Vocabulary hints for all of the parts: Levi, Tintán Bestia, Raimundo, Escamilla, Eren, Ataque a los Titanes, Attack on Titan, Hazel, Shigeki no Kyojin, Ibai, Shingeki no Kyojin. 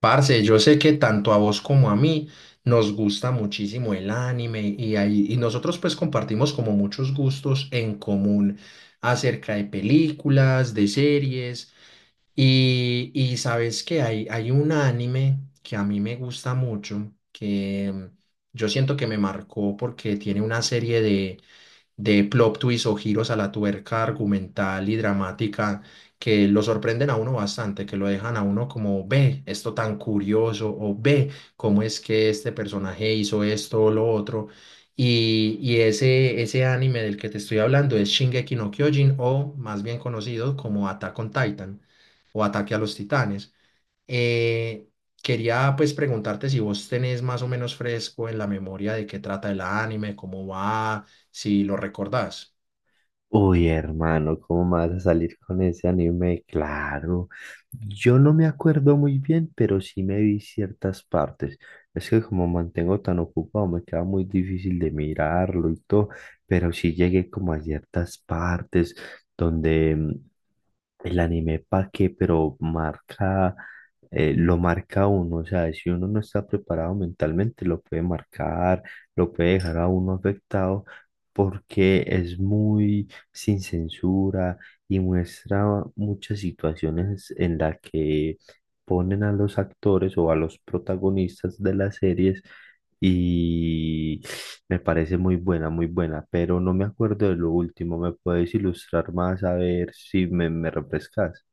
Parce, yo sé que tanto a vos como a mí nos gusta muchísimo el anime y nosotros pues compartimos como muchos gustos en común acerca de películas, de series y sabes que hay un anime que a mí me gusta mucho, que yo siento que me marcó porque tiene una serie de plot twists o giros a la tuerca argumental y dramática que lo sorprenden a uno bastante, que lo dejan a uno como, ve, esto tan curioso, o ve, cómo es que este personaje hizo esto o lo otro. Ese anime del que te estoy hablando es Shingeki no Kyojin, o más bien conocido como Attack on Titan, o Ataque a los Titanes. Eh, Quería pues preguntarte si vos tenés más o menos fresco en la memoria de qué trata el anime, cómo va, si lo recordás. Uy, hermano, ¿cómo me vas a salir con ese anime? Claro, yo no me acuerdo muy bien, pero sí me vi ciertas partes. Es que como mantengo tan ocupado, me queda muy difícil de mirarlo y todo, pero sí llegué como a ciertas partes donde el anime para qué, pero marca, lo marca a uno, o sea, si uno no está preparado mentalmente, lo puede marcar, lo puede dejar a uno afectado, porque es muy sin censura y muestra muchas situaciones en las que ponen a los actores o a los protagonistas de las series y me parece muy buena, pero no me acuerdo de lo último. ¿Me puedes ilustrar más a ver si me refrescas?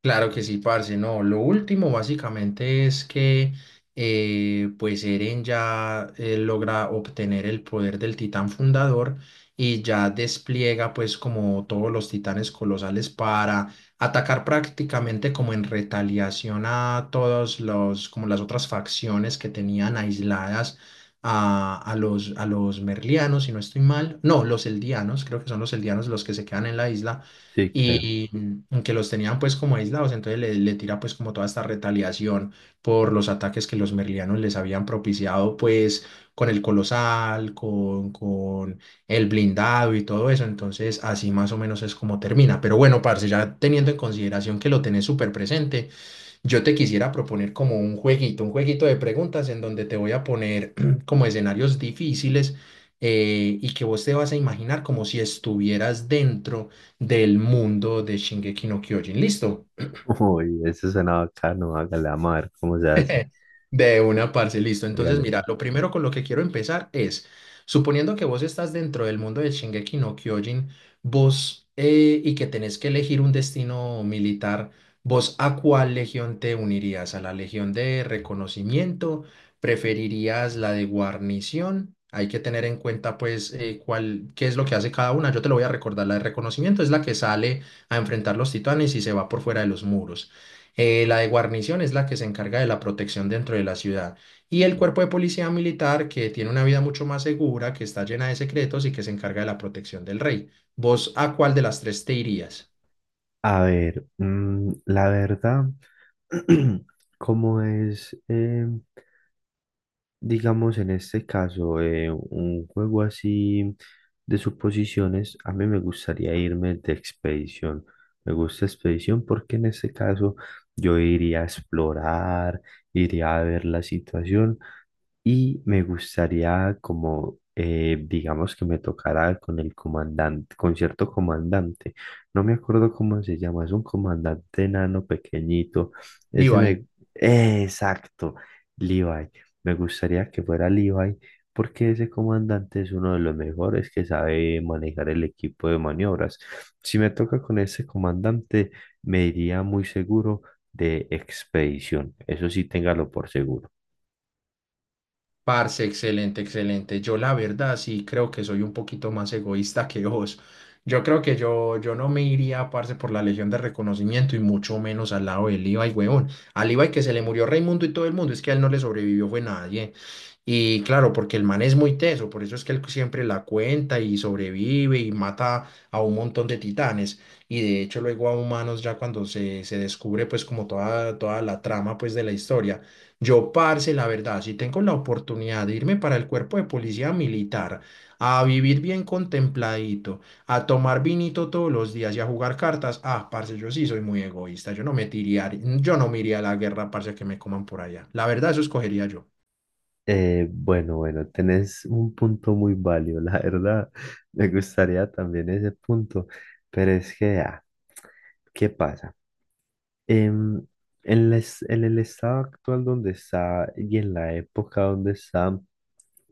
Claro que sí, parce, no. Lo último básicamente es que pues Eren ya logra obtener el poder del titán fundador y ya despliega pues como todos los titanes colosales para atacar prácticamente como en retaliación a todos los como las otras facciones que tenían aisladas a los merlianos, si no estoy mal. No, los eldianos, creo que son los eldianos los que se quedan en la isla Sí, creo. y que los tenían pues como aislados, entonces le tira pues como toda esta retaliación por los ataques que los merlianos les habían propiciado pues con el colosal, con el blindado y todo eso, entonces así más o menos es como termina, pero bueno, parce, ya teniendo en consideración que lo tenés súper presente, yo te quisiera proponer como un jueguito de preguntas en donde te voy a poner como escenarios difíciles y que vos te vas a imaginar como si estuvieras dentro del mundo de Shingeki no Kyojin. ¿Listo? Uy, eso suena bacano. Hágale, vamos a ver cómo se hace. De una, parce, listo. Entonces, Hágale, mira, pues. lo primero con lo que quiero empezar es, suponiendo que vos estás dentro del mundo de Shingeki no Kyojin, vos y que tenés que elegir un destino militar, ¿vos a cuál legión te unirías? ¿A la legión de reconocimiento? ¿Preferirías la de guarnición? Hay que tener en cuenta, pues, cuál, qué es lo que hace cada una. Yo te lo voy a recordar. La de reconocimiento es la que sale a enfrentar los titanes y se va por fuera de los muros. La de guarnición es la que se encarga de la protección dentro de la ciudad. Y el cuerpo de policía militar, que tiene una vida mucho más segura, que está llena de secretos y que se encarga de la protección del rey. ¿Vos a cuál de las tres te irías? A ver, la verdad, ¿cómo es? Digamos, en este caso, un juego así de suposiciones, a mí me gustaría irme de expedición. Me gusta expedición porque en este caso yo iría a explorar, iría a ver la situación y me gustaría digamos que me tocara con el comandante, con cierto comandante. No me acuerdo cómo se llama, es un comandante enano pequeñito. Ese Diva. me... ¡Eh! Exacto, Levi. Me gustaría que fuera Levi porque ese comandante es uno de los mejores que sabe manejar el equipo de maniobras. Si me toca con ese comandante, me iría muy seguro de expedición. Eso sí, téngalo por seguro. Parce, excelente, excelente. Yo la verdad sí creo que soy un poquito más egoísta que vos. Yo creo que yo no me iría, parce, por la Legión de Reconocimiento y mucho menos al lado del Ibai, huevón. Al Ibai que se le murió Raimundo y todo el mundo, es que a él no le sobrevivió fue nadie. Y claro, porque el man es muy teso, por eso es que él siempre la cuenta y sobrevive y mata a un montón de titanes. Y de hecho luego a humanos ya cuando se descubre pues como toda, toda la trama pues de la historia. Yo, parce, la verdad, si tengo la oportunidad de irme para el cuerpo de policía militar, a vivir bien contempladito, a tomar vinito todos los días y a jugar cartas, ah, parce, yo sí soy muy egoísta, yo no me tiraría, yo no me iría a la guerra, parce, que me coman por allá. La verdad, eso escogería yo. Bueno, bueno, tenés un punto muy válido, la verdad. Me gustaría también ese punto, pero es que, ah, ¿qué pasa? em, en el estado actual donde está y en la época donde está,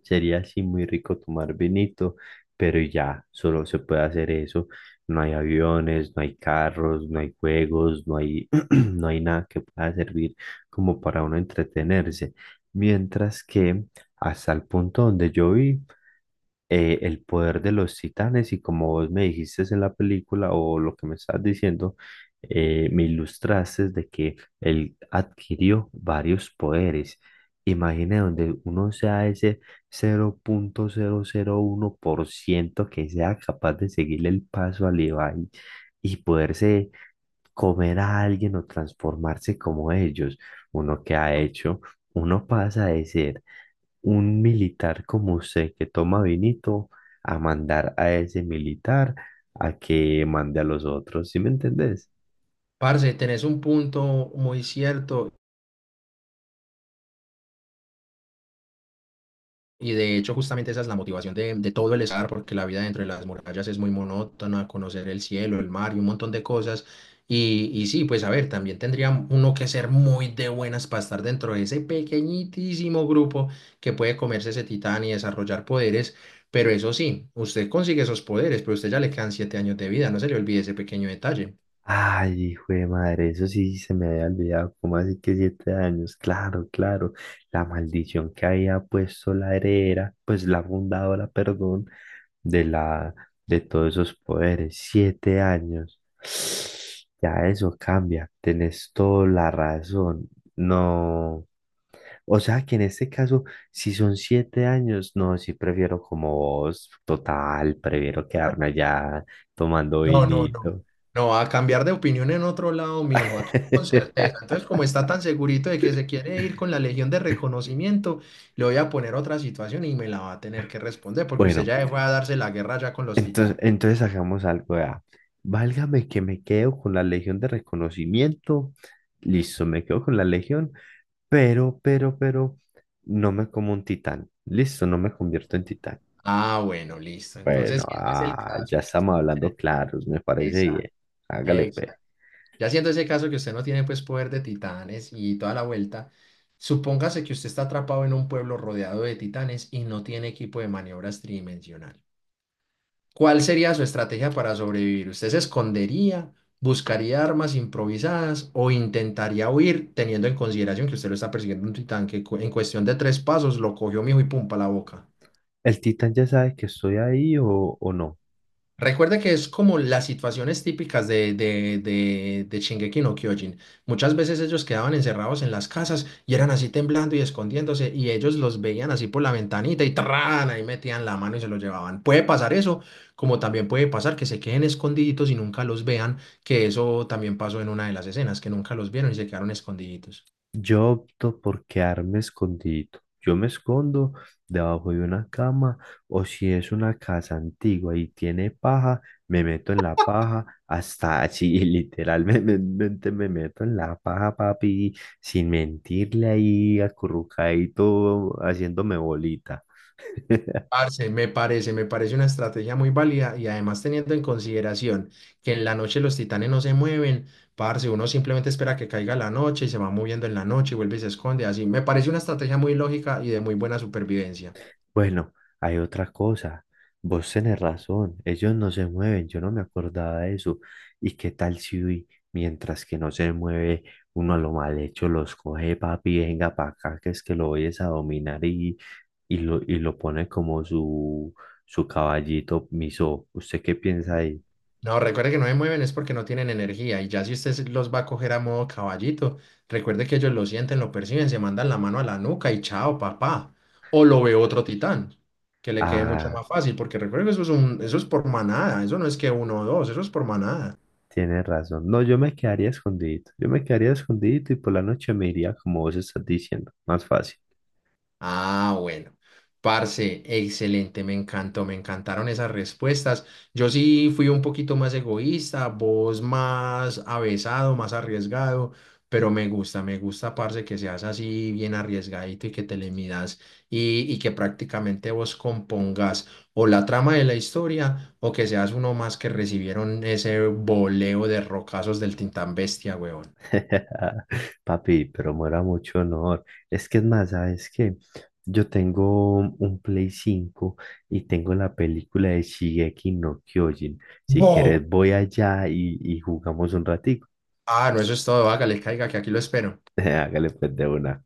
sería así muy rico tomar vinito, pero ya solo se puede hacer eso. No hay aviones, no hay carros, no hay juegos, no hay, no hay nada que pueda servir como para uno entretenerse. Mientras que hasta el punto donde yo vi, el poder de los titanes y como vos me dijiste en la película o lo que me estás diciendo, me ilustraste de que él adquirió varios poderes. Imagina donde uno sea ese 0,1% que sea capaz de seguirle el paso al Levi y poderse comer a alguien o transformarse como ellos. Uno que ha hecho, uno pasa de ser un militar como usted que toma vinito a mandar a ese militar a que mande a los otros, ¿sí me entendés? Parce, tenés un punto muy cierto. Y de hecho, justamente esa es la motivación de todo el estar, porque la vida dentro de las murallas es muy monótona, conocer el cielo, el mar y un montón de cosas. Pues a ver, también tendría uno que ser muy de buenas para estar dentro de ese pequeñitísimo grupo que puede comerse ese titán y desarrollar poderes. Pero eso sí, usted consigue esos poderes, pero a usted ya le quedan 7 años de vida, no se le olvide ese pequeño detalle. Ay, hijo de madre, eso sí se me había olvidado, ¿cómo así que 7 años? Claro, claro, la maldición que había puesto la heredera, pues la fundadora, perdón, de la, de todos esos poderes. 7 años. Ya eso cambia. Tenés toda la razón. No. O sea que en este caso, si son 7 años, no, sí prefiero como vos, total, prefiero quedarme allá tomando No, no, no. vinito. No, a cambiar de opinión en otro lado, mijo, aquí con certeza. Entonces, como está tan segurito de que se quiere ir con la Legión de Reconocimiento, le voy a poner otra situación y me la va a tener que responder, porque usted Bueno, ya fue a darse la guerra ya con los entonces, titanes. entonces hagamos algo ya. Válgame que me quedo con la Legión de Reconocimiento. Listo, me quedo con la Legión, pero no me como un titán. Listo, no me convierto en titán. Ah, bueno, listo. Entonces, Bueno, siendo ese el ah, caso ya que usted estamos no hablando tiene- claros, me parece bien. Exacto, Hágale, pe. exacto. Ya siendo ese caso que usted no tiene pues poder de titanes y toda la vuelta, supóngase que usted está atrapado en un pueblo rodeado de titanes y no tiene equipo de maniobras tridimensional. ¿Cuál sería su estrategia para sobrevivir? ¿Usted se escondería, buscaría armas improvisadas o intentaría huir teniendo en consideración que usted lo está persiguiendo un titán que cu- en cuestión de tres pasos lo cogió mijo y pum pa' la boca? ¿El titán ya sabe que estoy ahí o no? Recuerda que es como las situaciones típicas de Shingeki no Kyojin. Muchas veces ellos quedaban encerrados en las casas y eran así temblando y escondiéndose y ellos los veían así por la ventanita y ¡tarán! Ahí metían la mano y se los llevaban. Puede pasar eso, como también puede pasar que se queden escondiditos y nunca los vean, que eso también pasó en una de las escenas, que nunca los vieron y se quedaron escondiditos. Yo opto por quedarme escondido. Yo me escondo debajo de una cama o si es una casa antigua y tiene paja, me meto en la paja hasta así, literalmente me meto en la paja, papi, sin mentirle ahí, acurrucadito, haciéndome bolita. Parce, me parece una estrategia muy válida y además teniendo en consideración que en la noche los titanes no se mueven, parce, uno simplemente espera que caiga la noche y se va moviendo en la noche y vuelve y se esconde, así. Me parece una estrategia muy lógica y de muy buena supervivencia. Bueno, hay otra cosa. Vos tenés razón, ellos no se mueven, yo no me acordaba de eso. ¿Y qué tal si uy, mientras que no se mueve, uno a lo mal hecho los coge, papi, venga para acá, que es que lo vayas a dominar y lo pone como su caballito miso? ¿Usted qué piensa ahí? No, recuerde que no se mueven es porque no tienen energía y ya si usted se- los va a coger a modo caballito, recuerde que ellos lo sienten, lo perciben, se mandan la mano a la nuca y chao, papá. O lo ve otro titán, que le quede mucho Ah, más fácil, porque recuerde que eso es un, eso es por manada, eso no es que uno o dos, eso es por manada. tiene razón. No, yo me quedaría escondido, yo me quedaría escondido y por la noche me iría como vos estás diciendo, más fácil. Ah, bueno. Parce, excelente, me encantó, me encantaron esas respuestas. Yo sí fui un poquito más egoísta, vos más avesado, más arriesgado, pero me gusta, parce, que seas así bien arriesgadito y que te le midas y que prácticamente vos compongas o la trama de la historia o que seas uno más que recibieron ese voleo de rocazos del Tintán Bestia, weón. Papi, pero muera mucho honor. Es que es más, ¿sabes qué? Yo tengo un Play 5 y tengo la película de Shigeki no Kyojin. Si Bo. quieres, voy allá y jugamos un ratico. Ah, no, eso es todo, hágale, caiga, que aquí lo espero. Hágale pues de una.